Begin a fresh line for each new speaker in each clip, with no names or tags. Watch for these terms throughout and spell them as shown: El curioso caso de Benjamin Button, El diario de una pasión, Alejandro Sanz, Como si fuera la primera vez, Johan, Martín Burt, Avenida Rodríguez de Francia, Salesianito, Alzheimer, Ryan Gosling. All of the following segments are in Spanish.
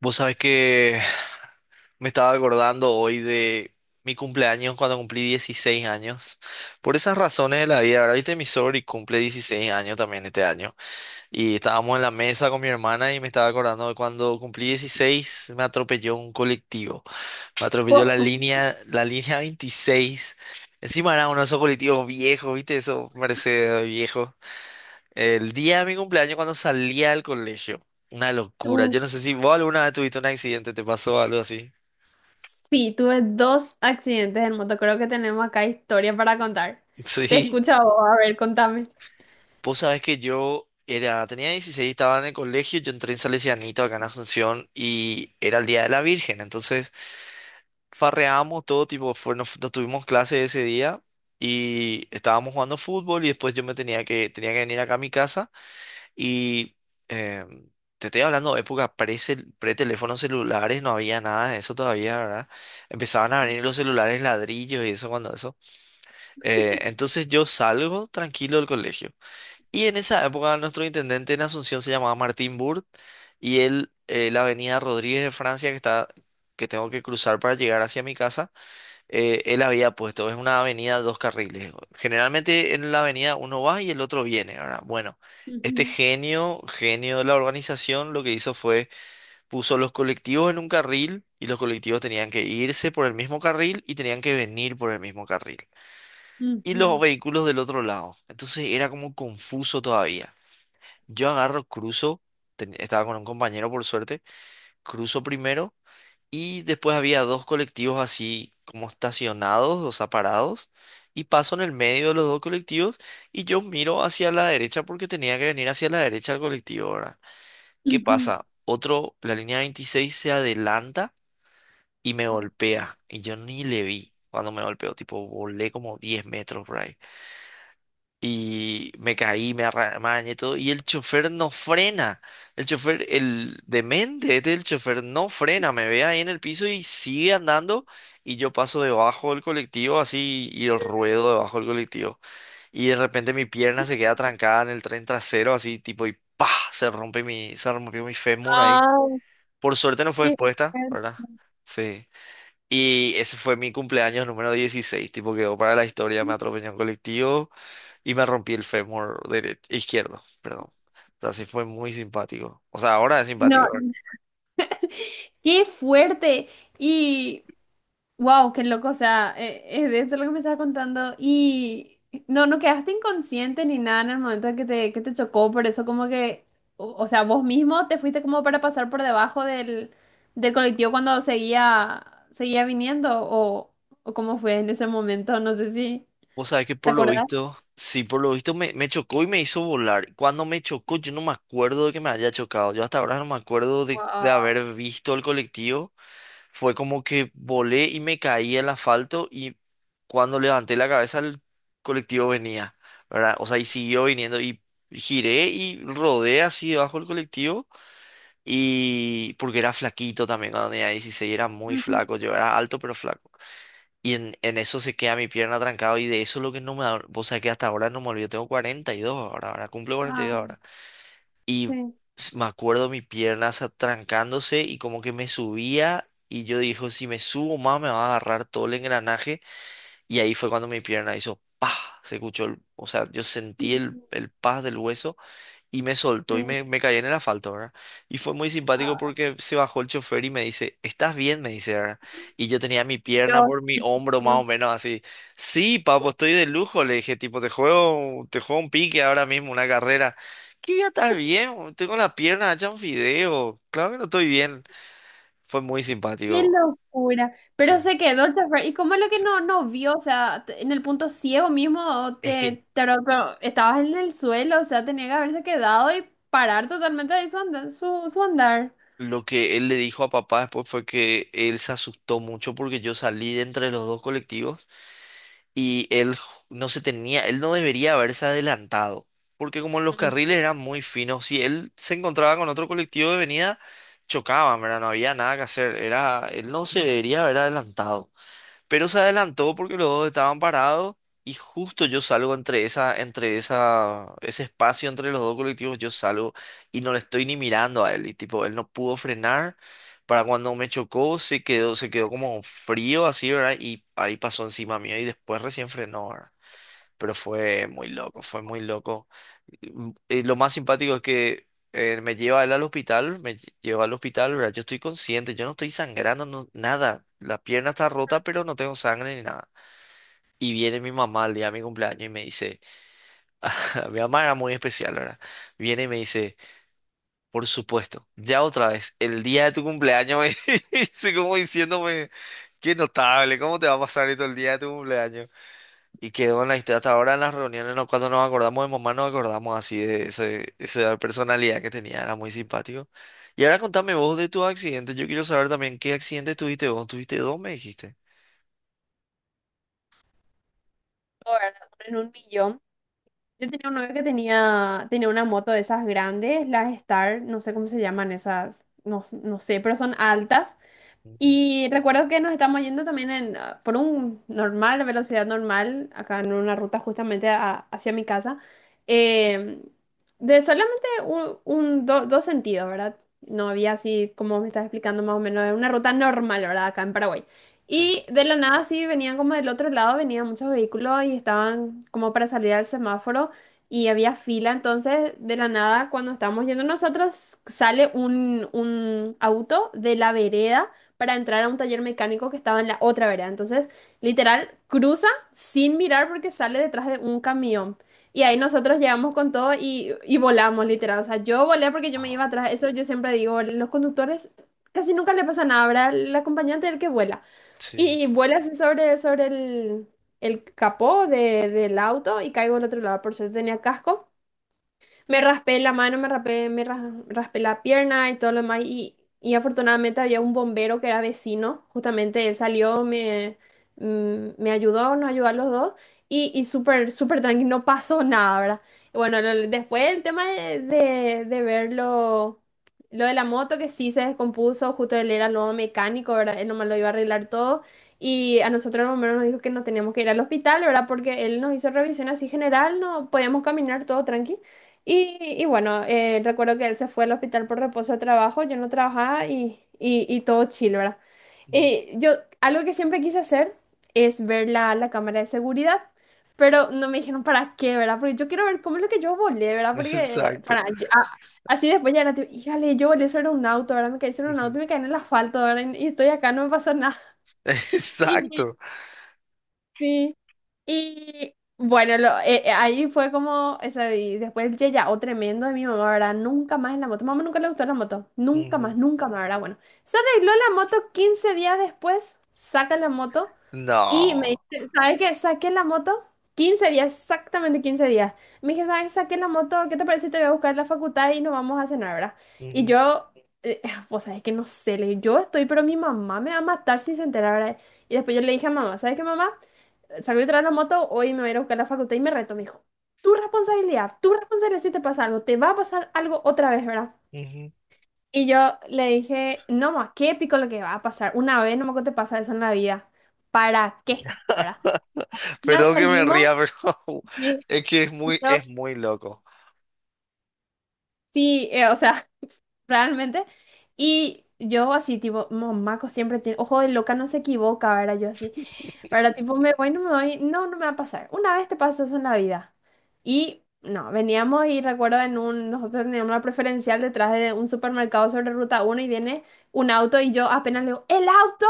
Vos sabés que me estaba acordando hoy de mi cumpleaños cuando cumplí 16 años. Por esas razones de la vida, ahora viste, mi y cumple 16 años también este año. Y estábamos en la mesa con mi hermana y me estaba acordando de cuando cumplí 16 me atropelló un colectivo. Me atropelló la línea, la línea 26. Encima era uno de esos colectivos viejos, viste, esos Mercedes viejos. El día de mi cumpleaños cuando salía del colegio. Una locura.
Wow.
Yo no sé si vos alguna vez tuviste un accidente, te pasó algo así.
Sí, tuve dos accidentes en moto. Creo que tenemos acá historia para contar. Te
Sí.
escucho a vos, a ver, contame.
Vos sabés que yo era, tenía 16, estaba en el colegio, yo entré en Salesianito acá en Asunción y era el Día de la Virgen. Entonces farreamos todo tipo, fue, nos tuvimos clase ese día y estábamos jugando fútbol y después yo me tenía que venir acá a mi casa. Y eh, te estoy hablando de época pre-teléfonos celulares, no había nada de eso todavía, ¿verdad? Empezaban a venir los celulares ladrillos y eso cuando eso. Entonces yo salgo tranquilo del colegio. Y en esa época nuestro intendente en Asunción se llamaba Martín Burt y él, la avenida Rodríguez de Francia que está, que tengo que cruzar para llegar hacia mi casa, él había puesto, es una avenida dos carriles. Generalmente en la avenida uno va y el otro viene, ¿verdad? Bueno, este
Ujú,
genio, genio de la organización, lo que hizo fue puso los colectivos en un carril y los colectivos tenían que irse por el mismo carril y tenían que venir por el mismo carril. Y los
ujú,
vehículos del otro lado. Entonces era como confuso todavía. Yo agarro, cruzo, estaba con un compañero por suerte, cruzo primero y después había dos colectivos así como estacionados, o sea, parados. Y paso en el medio de los dos colectivos y yo miro hacia la derecha porque tenía que venir hacia la derecha del colectivo, ¿verdad? ¿Qué
ujú.
pasa? Otro, la línea 26 se adelanta y me
Oh.
golpea. Y yo ni le vi cuando me golpeó, tipo, volé como 10 metros por ahí y me caí, me arramañé y todo, y el chofer no frena. El chofer, el demente este, el chofer no frena, me ve ahí en el piso y sigue andando y yo paso debajo del colectivo así y ruedo debajo del colectivo. Y de repente mi pierna se queda trancada en el tren trasero así tipo y ¡pah!, se rompió mi fémur ahí.
Ah,
Por suerte no fue
qué
expuesta,
fuerte.
¿verdad? Sí. Y ese fue mi cumpleaños número 16, tipo quedó para la historia, me atropelló un colectivo y me rompí el fémur izquierdo, perdón. O sea, sí fue muy simpático. O sea, ahora es
No,
simpático, ¿verdad?
qué fuerte. Y wow, qué loco, o sea, es de eso lo que me estabas contando y no, no quedaste inconsciente ni nada en el momento en que te chocó, por eso como que, o sea, vos mismo te fuiste como para pasar por debajo del, del colectivo cuando seguía viniendo o cómo fue en ese momento, no sé si
Vos sabés que
te
por lo
acordás.
visto, sí, por lo visto me chocó y me hizo volar. Cuando me chocó, yo no me acuerdo de que me haya chocado. Yo hasta ahora no me acuerdo de,
Wow.
de haber visto el colectivo. Fue como que volé y me caí al asfalto y cuando levanté la cabeza el colectivo venía, ¿verdad? O sea, y siguió viniendo y giré y rodé así debajo del colectivo. Y porque era flaquito también cuando tenía 16, era muy
Ujú.
flaco, yo era alto pero flaco. Y en eso se queda mi pierna trancada y de eso lo que no me... da- Vos sabés que hasta ahora no me olvido, tengo 42 ahora, ahora cumplo cuarenta y
Ah,
dos ahora. Y
sí.
me acuerdo mi pierna trancándose y como que me subía y yo dijo, si me subo más me va a agarrar todo el engranaje. Y ahí fue cuando mi pierna hizo ¡pah! Se escuchó, o sea, yo sentí el,
Ujú.
el paz del hueso y me soltó y
Sí.
me caí en el asfalto, ¿verdad? Y fue muy simpático
Ah,
porque se bajó el chofer y me dice, ¿estás bien? Me dice, ¿verdad? Y yo tenía mi pierna
Dios
por mi hombro más
mío.
o menos así. Sí, papo, estoy de lujo, le dije, tipo, te juego un pique ahora mismo, una carrera. ¿Qué voy a estar bien, boludo? Tengo la pierna hecha un fideo. Claro que no estoy bien. Fue muy
Qué
simpático.
locura.
Sí,
Pero se quedó el chofer. ¿Y cómo es lo que
sí.
no vio? O sea, te- en el punto ciego mismo,
Es que
te ro- pero estabas en el suelo, o sea, tenía que haberse quedado y parar totalmente ahí su andar. Su andar.
lo que él le dijo a papá después fue que él se asustó mucho porque yo salí de entre los dos colectivos, y él ju- no se tenía, él no debería haberse adelantado, porque como los
Mm,
carriles eran muy finos, si él se encontraba con otro colectivo de venida, chocaban, ¿verdad? No había nada que hacer, era, él no se debería haber adelantado. Pero se adelantó porque los dos estaban parados y justo yo salgo entre esa, ese espacio entre los dos colectivos, yo salgo y no le estoy ni mirando a él. Y tipo, él no pudo frenar. Para cuando me chocó, se quedó como frío así, ¿verdad? Y ahí pasó encima mío y después recién frenó, ¿verdad? Pero fue muy loco, fue muy loco. Y lo más simpático es que me lleva él al hospital, lleva al hospital, ¿verdad? Yo estoy consciente, yo no estoy sangrando, nada. La pierna está rota, pero no tengo sangre ni nada. Y viene mi mamá al día de mi cumpleaños y me dice, mi mamá era muy especial, ¿verdad? Viene y me dice, por supuesto, ya otra vez, el día de tu cumpleaños, me dice como diciéndome, qué notable, ¿cómo te va a pasar esto el día de tu cumpleaños? Y quedó en la historia. Hasta ahora en las reuniones, cuando nos acordamos de mamá, nos acordamos así de ese, esa personalidad que tenía, era muy simpático. Y ahora contame vos de tu accidente. Yo quiero saber también qué accidente tuviste vos. Tuviste dos, me dijiste.
o en un millón. Yo tenía un novio que tenía una moto de esas grandes, las Star, no sé cómo se llaman esas, no sé, pero son altas.
Ujú.
Y recuerdo que nos estamos yendo también en, ah, por un normal, velocidad normal, acá en una ruta justamente a- hacia mi casa, eh, de solamente un- do- dos sentidos, ¿verdad? No había así, como me estás explicando más o menos, una ruta normal, ¿verdad? Acá en Paraguay.
Sí.
Y de la nada sí venían como del otro lado, venían muchos vehículos y estaban como para salir al semáforo y había fila, entonces de la nada cuando estábamos yendo nosotros sale un auto de la vereda para entrar a un taller mecánico que estaba en la otra vereda. Entonces, literal, cruza sin mirar porque sale detrás de un camión. Y ahí nosotros llegamos con todo y volamos, literal. O sea, yo volé porque yo me
Ah,
iba atrás. Eso yo siempre digo, los conductores casi nunca le pasa nada, ¿verdad? El acompañante es el que vuela.
sí.
Y vuela así sobre el capó de- del auto y caigo al otro lado. Por suerte tenía casco. Me raspé la mano, me raspé, me ra- raspé la pierna y todo lo demás. Y afortunadamente había un bombero que era vecino, justamente él salió, me ayudó, nos ayudó a los dos. Y súper, súper tranquilo, no pasó nada, ¿verdad? Y bueno, lo- después el tema de, de ver lo de la moto que sí se descompuso, justo él era lo mecánico, ¿verdad? Él nomás lo iba a arreglar todo. Y a nosotros el bombero nos dijo que nos teníamos que ir al hospital, ¿verdad? Porque él nos hizo revisión así general, no podíamos caminar todo tranqui. Y bueno, recuerdo que él se fue al hospital por reposo de trabajo, yo no trabajaba y todo chill, ¿verdad?
Mm.
Yo, algo que siempre quise hacer es ver la, la cámara de seguridad, pero no me dijeron para qué, ¿verdad? Porque yo quiero ver cómo es lo que yo volé, ¿verdad? Porque
Exacto.
para, a- así después ya era tipo, híjale, yo volé sobre un auto, ¿verdad? Me caí sobre un
Ujú.
auto y me caí en el asfalto, ¿verdad? Y estoy acá, no me pasó nada. Y
Exacto.
sí. Y bueno, lo- ahí fue como, esa, y después ya o tremendo de mi mamá, ¿verdad? Nunca más en la moto. Mamá nunca le gustó la moto. Nunca más,
Ujú.
nunca más, ¿verdad? Bueno, se arregló la moto 15 días después, saca la moto y me
No.
dice, ¿sabes qué? Saqué la moto 15 días, exactamente 15 días. Me dije, ¿sabes qué? Saqué la moto, ¿qué te parece si te voy a buscar a la facultad y nos vamos a cenar, ¿verdad? Y
Ujú,
yo, eh, pues, ¿sabes que No sé, le dije, yo estoy, pero mi mamá me va a matar si se entera, ¿verdad? Y después yo le dije a mamá, ¿sabes qué, mamá? Salió a traer la moto, hoy me voy a ir a buscar a la facultad y me reto, me dijo, tu responsabilidad si te pasa algo, te va a pasar algo otra vez, ¿verdad?
ujú.
Y yo le dije, no, ma, qué épico lo que va a pasar, una vez no me te pasa eso en la vida, ¿para qué? ¿Verdad? Ya
Perdón que me
salimos,
ría, pero
y
es que es muy,
yo,
es muy loco.
sí, o sea, realmente, y yo así, tipo, mamá, co- siempre tiene, ojo de loca no se equivoca, ¿verdad? Yo así. Para tipo, me voy, no, no me va a pasar. Una vez te pasó eso en la vida. Y no, veníamos y recuerdo en un, nosotros teníamos una preferencial detrás de un supermercado sobre ruta 1 y viene un auto y yo apenas le digo, ¡el auto!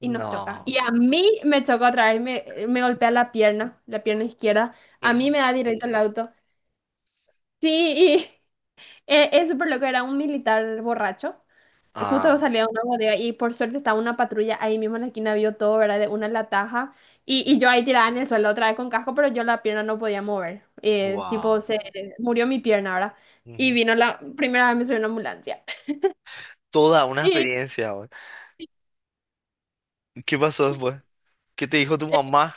Y nos choca. Y
No.
a mí me choca otra vez, me golpea la pierna izquierda. A
Eran
mí me da directo
siete.
el auto. Sí, y es súper loco, era un militar borracho. Justo
Ah.
salía de una bodega y por suerte estaba una patrulla ahí mismo en la esquina, vio todo, ¿verdad? De una en la taja. Y yo ahí tirada en el suelo otra vez con casco, pero yo la pierna no podía mover. Tipo,
Wow.
se murió mi pierna, ¿verdad? Y
Ujú.
vino la primera vez me subió una ambulancia.
Toda una experiencia, güey. ¿Qué pasó después? ¿Qué te dijo tu mamá?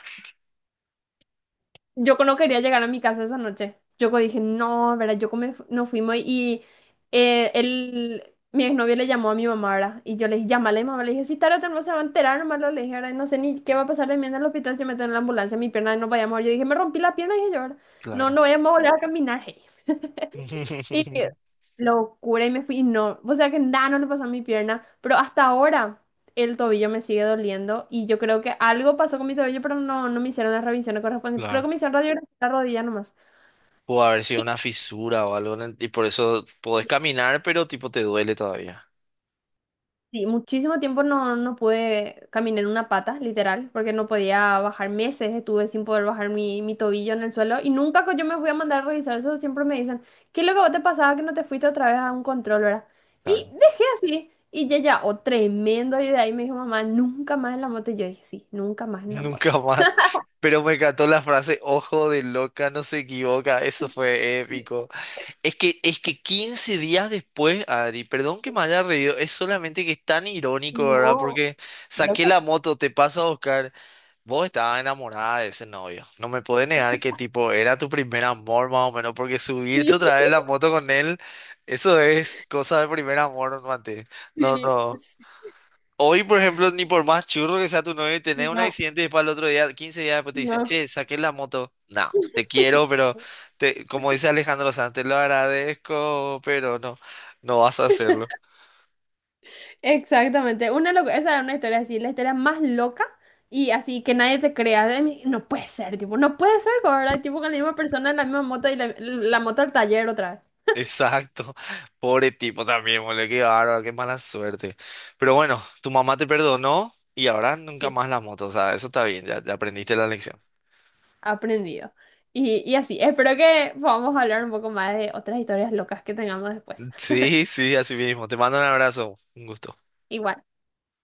Yo no quería llegar a mi casa esa noche. Yo dije, no, ¿verdad? Yo me fu- nos fuimos y él, mi exnovio le llamó a mi mamá, ¿verdad? Y yo le dije, llámale, mamá. Le dije, si tarde o temprano se va a enterar, nomás lo le dije, ahora no sé ni qué va a pasar de mí en el hospital si me tengo en la ambulancia, mi pierna no vaya a mover. Yo dije, me rompí la pierna, dije yo, ¿verdad? No,
Claro.
no vayamos a volver a caminar. hey". Y locura, y me fui, y no, o sea que nada, no le pasó a mi pierna, pero hasta ahora el tobillo me sigue doliendo y yo creo que algo pasó con mi tobillo, pero no, no me hicieron las revisiones correspondientes, creo que
Claro.
me hicieron radiografía en la rodilla nomás.
Pudo haber sido una fisura o algo, en y por eso podés caminar, pero tipo te duele todavía.
Sí, muchísimo tiempo no, no pude caminar en una pata, literal, porque no podía bajar meses, estuve sin poder bajar mi tobillo en el suelo y nunca co- yo me fui a mandar a revisar eso, siempre me dicen, ¿qué es lo que vos te pasaba que no te fuiste otra vez a un control, verdad? Y
Claro.
dejé así y ya, ya, oh, tremendo, y de ahí me dijo mamá, nunca más en la moto, y yo dije, sí, nunca más en la moto.
Nunca más. Pero me encantó la frase, ojo de loca, no se equivoca, eso fue épico. es que, 15 días después, Adri, perdón que me haya reído, es solamente que es tan irónico, ¿verdad?
No,
Porque saqué la
loco.
moto, te paso a buscar. Vos estabas enamorada de ese novio. No me podés negar que tipo era tu primer amor más o menos, porque
Sí,
subirte otra vez en la moto con él, eso es cosa de primer amor, mate. No,
sí,
no.
sí,
Hoy, por ejemplo, ni por más churro que sea tu novio, tenés un
no,
accidente y después al otro día, 15 días después te dice,
no.
che, saqué la moto. No, te quiero, pero te, como dice Alejandro Sanz, te lo agradezco, pero no, no vas a hacerlo.
Exactamente, una loca, esa es una historia así, la historia más loca y así que nadie te crea, de mí, no puede ser, tipo, no puede ser, ¿verdad? Tipo con la misma persona, la misma moto y la moto al taller otra vez,
Exacto, pobre tipo también, boludo, qué bárbaro, qué mala suerte. Pero bueno, tu mamá te perdonó y ahora nunca
sí.
más la moto, o sea, eso está bien, ya, ya aprendiste la lección.
Aprendido. Y así, espero que podamos hablar un poco más de otras historias locas que tengamos después.
Sí, sí, así mismo. Te mando un abrazo, un gusto.
Igual.